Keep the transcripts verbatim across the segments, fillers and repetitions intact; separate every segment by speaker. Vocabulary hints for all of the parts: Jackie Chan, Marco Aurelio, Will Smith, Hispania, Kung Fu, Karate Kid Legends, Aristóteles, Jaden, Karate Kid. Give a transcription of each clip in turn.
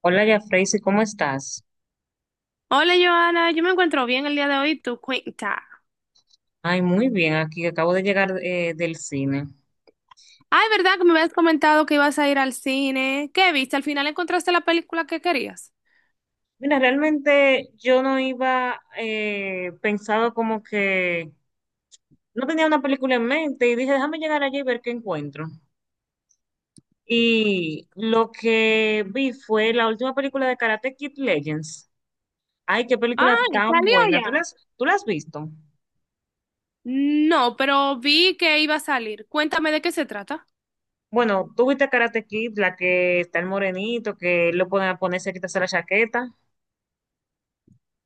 Speaker 1: Hola, ya Freysi, ¿cómo estás?
Speaker 2: Hola Joana, yo me encuentro bien el día de hoy, tu cuenta.
Speaker 1: Ay, muy bien, aquí acabo de llegar eh, del cine.
Speaker 2: Ay, ¿verdad que me habías comentado que ibas a ir al cine? ¿Qué viste? ¿Al final encontraste la película que querías?
Speaker 1: Mira, realmente yo no iba eh, pensado como que no tenía una película en mente y dije, déjame llegar allí y ver qué encuentro. Y lo que vi fue la última película de Karate Kid Legends. Ay, qué película
Speaker 2: Ay,
Speaker 1: tan
Speaker 2: ¿salió
Speaker 1: buena. ¿Tú la
Speaker 2: ya?
Speaker 1: has, tú la has visto?
Speaker 2: No, pero vi que iba a salir. Cuéntame de qué se trata.
Speaker 1: Bueno, tú viste Karate Kid, la que está el morenito, que lo pueden ponerse, quitarse la chaqueta.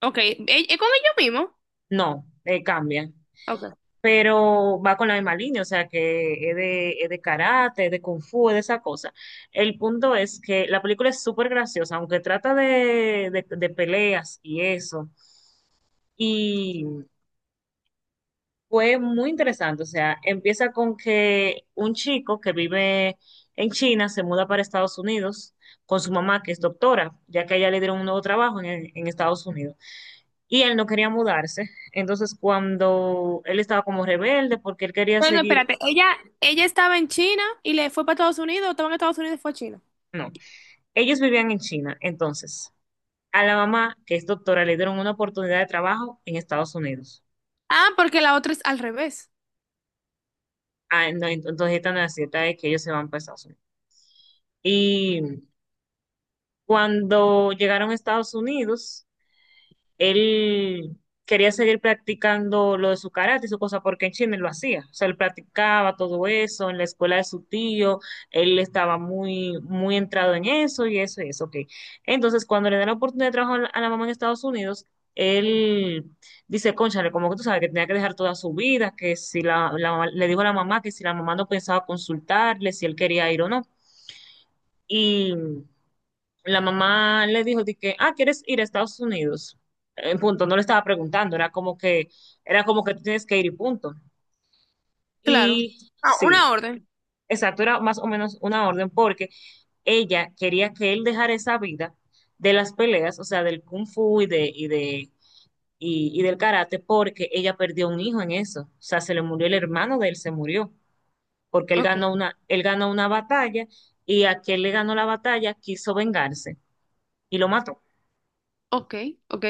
Speaker 2: Ok, ¿e- ¿es con ellos mismos?
Speaker 1: No, eh, cambia.
Speaker 2: Ok.
Speaker 1: Pero va con la misma línea, o sea que es de, es de karate, es de kung fu, es de esa cosa. El punto es que la película es súper graciosa, aunque trata de, de, de peleas y eso. Y fue muy interesante, o sea, empieza con que un chico que vive en China se muda para Estados Unidos con su mamá, que es doctora, ya que a ella le dieron un nuevo trabajo en, en Estados Unidos. Y él no quería mudarse. Entonces, cuando él estaba como rebelde porque él quería
Speaker 2: Bueno,
Speaker 1: seguir...
Speaker 2: espérate, ella, ella estaba en China y le fue para Estados Unidos, o estaba en Estados Unidos y fue a China.
Speaker 1: No. Ellos vivían en China, entonces a la mamá, que es doctora, le dieron una oportunidad de trabajo en Estados Unidos.
Speaker 2: Ah, porque la otra es al revés.
Speaker 1: Ah, no, ent- entonces esta necesidad es que ellos se van para Estados Unidos. Y cuando llegaron a Estados Unidos, él quería seguir practicando lo de su karate y su cosa, porque en China él lo hacía. O sea, él practicaba todo eso en la escuela de su tío, él estaba muy, muy entrado en eso y eso y eso, ok. Entonces, cuando le dan la oportunidad de trabajar a la a la mamá en Estados Unidos, él dice, cónchale, como que tú sabes que tenía que dejar toda su vida, que si la, la mamá- le dijo a la mamá que si la mamá no pensaba consultarle, si él quería ir o no. Y la mamá le dijo de que, ah, ¿quieres ir a Estados Unidos? En punto, no le estaba preguntando, era como que, era como que tú tienes que ir y punto.
Speaker 2: Claro.
Speaker 1: Y
Speaker 2: Ah, una
Speaker 1: sí,
Speaker 2: orden.
Speaker 1: exacto, era más o menos una orden porque ella quería que él dejara esa vida de las peleas, o sea, del kung fu y de, y de, y, y del karate, porque ella perdió un hijo en eso. O sea, se le murió el hermano de él, se murió, porque él
Speaker 2: Ok,
Speaker 1: ganó una, él ganó una batalla y aquel le ganó la batalla, quiso vengarse y lo mató.
Speaker 2: ok, ok.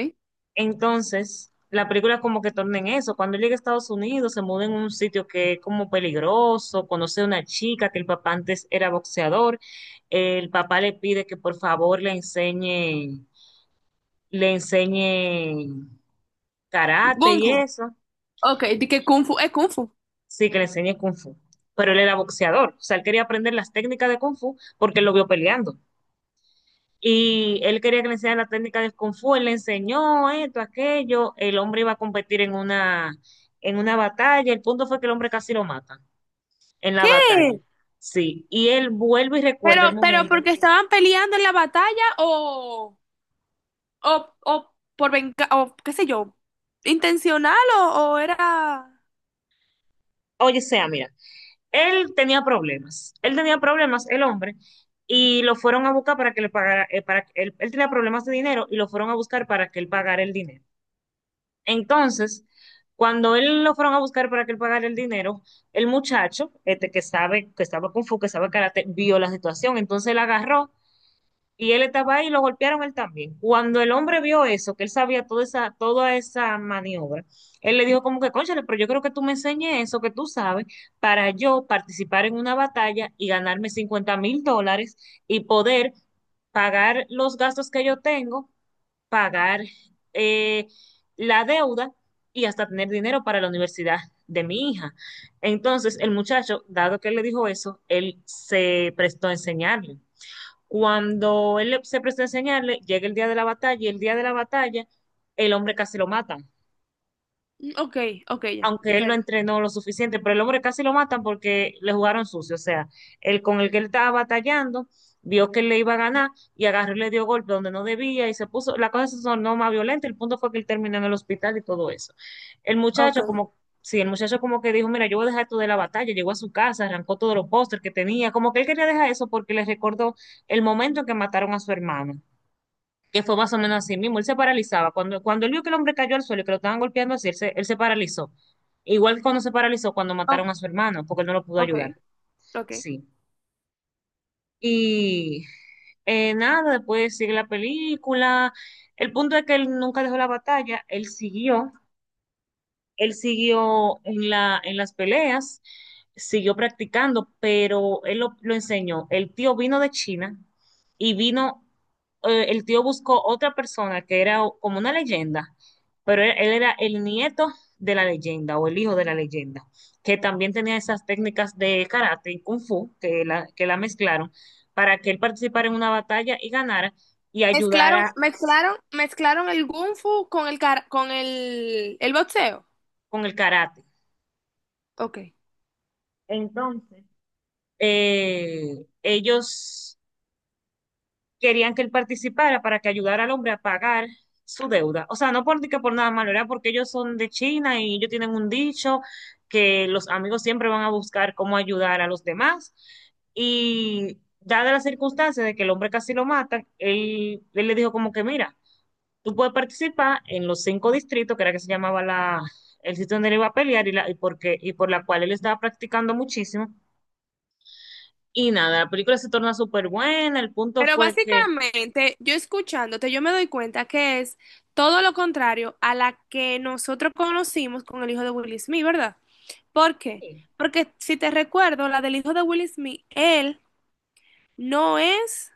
Speaker 1: Entonces, la película como que torna en eso. Cuando él llega a Estados Unidos, se muda en un sitio que es como peligroso, conoce a una chica que el papá antes era boxeador. El papá le pide que por favor le enseñe, le enseñe karate
Speaker 2: Kung
Speaker 1: y
Speaker 2: Fu.
Speaker 1: eso.
Speaker 2: Ok, di que Kung Fu es Kung Fu.
Speaker 1: Sí, que le enseñe kung fu. Pero él era boxeador. O sea, él quería aprender las técnicas de kung fu porque él lo vio peleando. Y él quería que le enseñara la técnica del Kung Fu, él le enseñó esto, aquello, el hombre iba a competir en una, en una batalla, el punto fue que el hombre casi lo mata en la batalla,
Speaker 2: ¿Qué?
Speaker 1: sí, y él vuelve y
Speaker 2: Pero,
Speaker 1: recuerda el
Speaker 2: pero
Speaker 1: momento.
Speaker 2: porque estaban peleando en la batalla o, o, o por venga, o qué sé yo, intencional o, o era...
Speaker 1: Oye, sea, mira, él tenía problemas, él tenía problemas, el hombre, y lo fueron a buscar para que le pagara, eh, para, que él, él tenía problemas de dinero y lo fueron a buscar para que él pagara el dinero. Entonces, cuando él lo fueron a buscar para que él pagara el dinero, el muchacho, este que sabe, que estaba Kung Fu, que sabe karate, vio la situación. Entonces él agarró y él estaba ahí y lo golpearon él también. Cuando el hombre vio eso, que él sabía toda esa, toda esa maniobra, él le dijo como que, cónchale, pero yo creo que tú me enseñes eso que tú sabes para yo participar en una batalla y ganarme cincuenta mil dólares y poder pagar los gastos que yo tengo pagar eh, la deuda y hasta tener dinero para la universidad de mi hija. Entonces, el muchacho, dado que él le dijo eso, él se prestó a enseñarle. Cuando él le- se prestó a enseñarle, llega el día de la batalla y el día de la batalla, el hombre casi lo mata
Speaker 2: Mm, ok, ok, ya, ya
Speaker 1: aunque él lo
Speaker 2: entendí.
Speaker 1: entrenó lo suficiente, pero el hombre casi lo matan porque le jugaron sucio, o sea, el con el que él estaba batallando vio que él le iba a ganar y agarró y le dio golpe donde no debía y se puso, la cosa se tornó más violenta, el punto fue que él terminó en el hospital y todo eso. El
Speaker 2: Ok,
Speaker 1: muchacho como, sí, el muchacho como que dijo, mira, yo voy a dejar esto de la batalla, llegó a su casa, arrancó todos los pósters que tenía, como que él quería dejar eso porque le recordó el momento en que mataron a su hermano, que fue más o menos así mismo. Él se paralizaba. Cuando, cuando él vio que el hombre cayó al suelo y que lo estaban golpeando así, él se, él se paralizó. Igual que cuando se paralizó cuando
Speaker 2: o-
Speaker 1: mataron a su hermano, porque él no lo pudo
Speaker 2: ok,
Speaker 1: ayudar.
Speaker 2: ok.
Speaker 1: Sí. Y eh, nada, después sigue la película. El punto es que él nunca dejó la batalla, él siguió él siguió en la, en las peleas, siguió practicando, pero él lo, lo enseñó. El tío vino de China y vino, eh, el tío buscó otra persona que era como una leyenda, pero él, él era el nieto de la leyenda o el hijo de la leyenda, que también tenía esas técnicas de karate y kung fu que la, que la mezclaron para que él participara en una batalla y ganara y
Speaker 2: Mezclaron,
Speaker 1: ayudara
Speaker 2: mezclaron, mezclaron el Kung Fu con el, car- con el, el boxeo.
Speaker 1: con el karate.
Speaker 2: Ok.
Speaker 1: Entonces, eh, ellos querían que él participara para que ayudara al hombre a pagar su deuda. O sea, no por, que por nada malo, era porque ellos son de China y ellos tienen un dicho que los amigos siempre van a buscar cómo ayudar a los demás. Y dada la circunstancia de que el hombre casi lo matan, él, él le dijo como que, mira, tú puedes participar en los cinco distritos, que era que se llamaba la, el sitio donde él iba a pelear y, la, y, porque, y por la cual él estaba practicando muchísimo. Y nada, la película se torna súper buena, el punto
Speaker 2: Pero
Speaker 1: fue que
Speaker 2: básicamente, yo escuchándote, yo me doy cuenta que es todo lo contrario a la que nosotros conocimos con el hijo de Will Smith, ¿verdad? ¿Por qué? Porque si te recuerdo, la del hijo de Will Smith, él no es,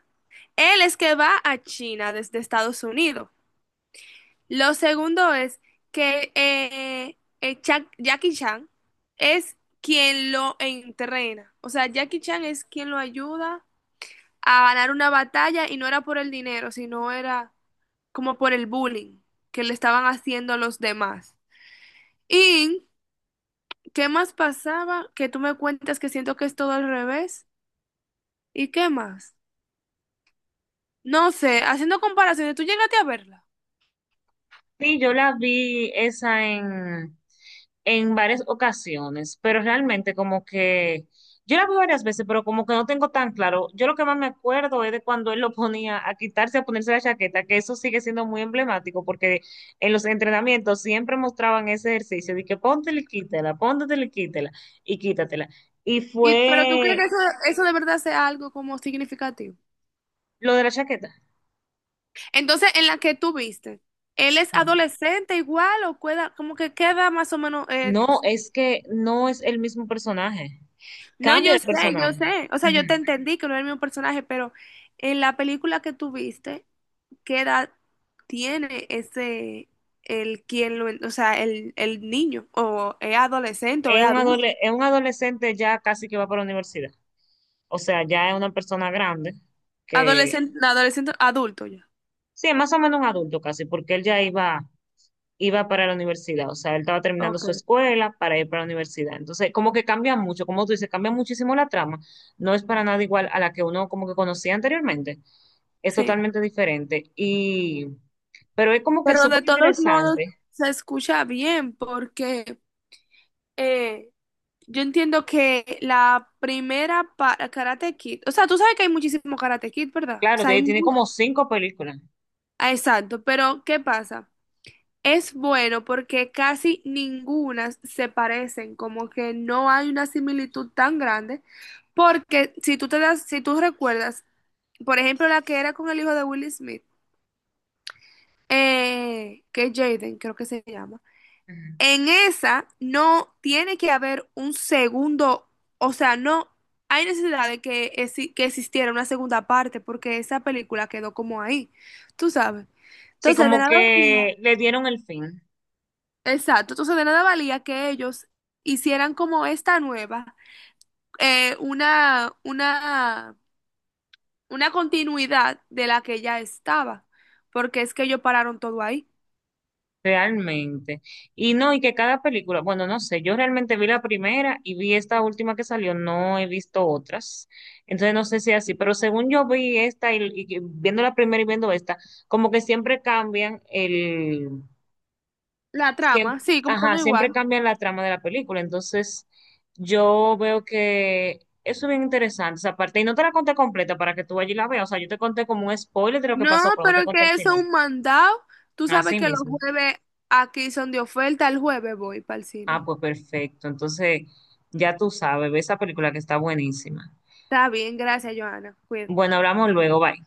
Speaker 2: él es que va a China desde Estados Unidos. Lo segundo es que eh, eh, Cha- Jackie Chan es quien lo entrena. O sea, Jackie Chan es quien lo ayuda a ganar una batalla y no era por el dinero, sino era como por el bullying que le estaban haciendo a los demás. ¿Y qué más pasaba? Que tú me cuentas que siento que es todo al revés. ¿Y qué más? No sé, haciendo comparaciones, tú llegaste a verla.
Speaker 1: sí, yo la vi esa en, en varias ocasiones, pero realmente como que yo la vi varias veces, pero como que no tengo tan claro. Yo lo que más me acuerdo es de cuando él lo ponía a quitarse, a ponerse la chaqueta, que eso sigue siendo muy emblemático porque en los entrenamientos siempre mostraban ese ejercicio de que póntela y quítela, póntela y quítela y quítatela. Y
Speaker 2: Y, pero tú crees que
Speaker 1: fue
Speaker 2: eso, eso de verdad sea algo como significativo.
Speaker 1: lo de la chaqueta.
Speaker 2: Entonces, en la que tú viste, ¿él es
Speaker 1: Ajá.
Speaker 2: adolescente igual o queda, como que queda más o menos, eh,
Speaker 1: No, es que no es el mismo personaje.
Speaker 2: no,
Speaker 1: Cambia
Speaker 2: yo
Speaker 1: de
Speaker 2: sé, yo
Speaker 1: personaje.
Speaker 2: sé. O sea, yo te
Speaker 1: Ujú.
Speaker 2: entendí que no era el mismo personaje, pero en la película que tú viste, ¿qué edad tiene ese, el quien lo, o sea, el, el niño? ¿O es adolescente o es
Speaker 1: Es un
Speaker 2: adulto?
Speaker 1: adole- es un adolescente ya casi que va para la universidad. O sea, ya es una persona grande que,
Speaker 2: Adolescente, adolescente, adulto ya.
Speaker 1: sí, es más o menos un adulto casi, porque él ya iba, iba para la universidad. O sea, él estaba terminando su
Speaker 2: Ok.
Speaker 1: escuela para ir para la universidad. Entonces, como que cambia mucho, como tú dices, cambia muchísimo la trama. No es para nada igual a la que uno como que conocía anteriormente. Es
Speaker 2: Sí.
Speaker 1: totalmente diferente. Y, pero es como que
Speaker 2: Pero de
Speaker 1: súper
Speaker 2: todos modos
Speaker 1: interesante.
Speaker 2: se escucha bien porque eh, yo entiendo que la primera para Karate Kid, o sea, tú sabes que hay muchísimo Karate Kid, ¿verdad? O
Speaker 1: Claro,
Speaker 2: sea, hay
Speaker 1: tiene tiene
Speaker 2: mu-
Speaker 1: como cinco películas.
Speaker 2: ah, exacto, pero ¿qué pasa? Es bueno porque casi ninguna se parecen, como que no hay una similitud tan grande, porque si tú te das, si tú recuerdas, por ejemplo, la que era con el hijo de Will Smith, eh, que es Jaden, creo que se llama,
Speaker 1: Ujú.
Speaker 2: en esa no tiene que haber un segundo, o sea, no hay necesidad de que, exi- que existiera una segunda parte, porque esa película quedó como ahí, tú sabes.
Speaker 1: Sí,
Speaker 2: Entonces, de
Speaker 1: como
Speaker 2: nada valía.
Speaker 1: que le dieron el fin.
Speaker 2: Exacto, entonces de nada valía que ellos hicieran como esta nueva, eh, una, una, una continuidad de la que ya estaba, porque es que ellos pararon todo ahí.
Speaker 1: Realmente. Y no, y que cada película, bueno, no sé, yo realmente vi la primera y vi esta última que salió, no he visto otras. Entonces no sé si es así, pero según yo vi esta y, y que- viendo la primera y viendo esta, como que siempre cambian el,
Speaker 2: La trama,
Speaker 1: siempre,
Speaker 2: sí, como que no
Speaker 1: ajá, siempre
Speaker 2: igual.
Speaker 1: cambian la trama de la película. Entonces yo veo que eso es bien interesante esa parte. Y no te la conté completa para que tú allí la veas. O sea, yo te conté como un spoiler de lo que
Speaker 2: No,
Speaker 1: pasó, pero no te
Speaker 2: pero
Speaker 1: conté el
Speaker 2: que eso es
Speaker 1: final.
Speaker 2: un mandado. Tú sabes
Speaker 1: Así
Speaker 2: que los
Speaker 1: mismo.
Speaker 2: jueves aquí son de oferta, el jueves voy para el cine.
Speaker 1: Ah, pues perfecto. Entonces, ya tú sabes, ve esa película que está buenísima.
Speaker 2: Está bien, gracias, Joana. Cuídate.
Speaker 1: Bueno, hablamos luego, bye.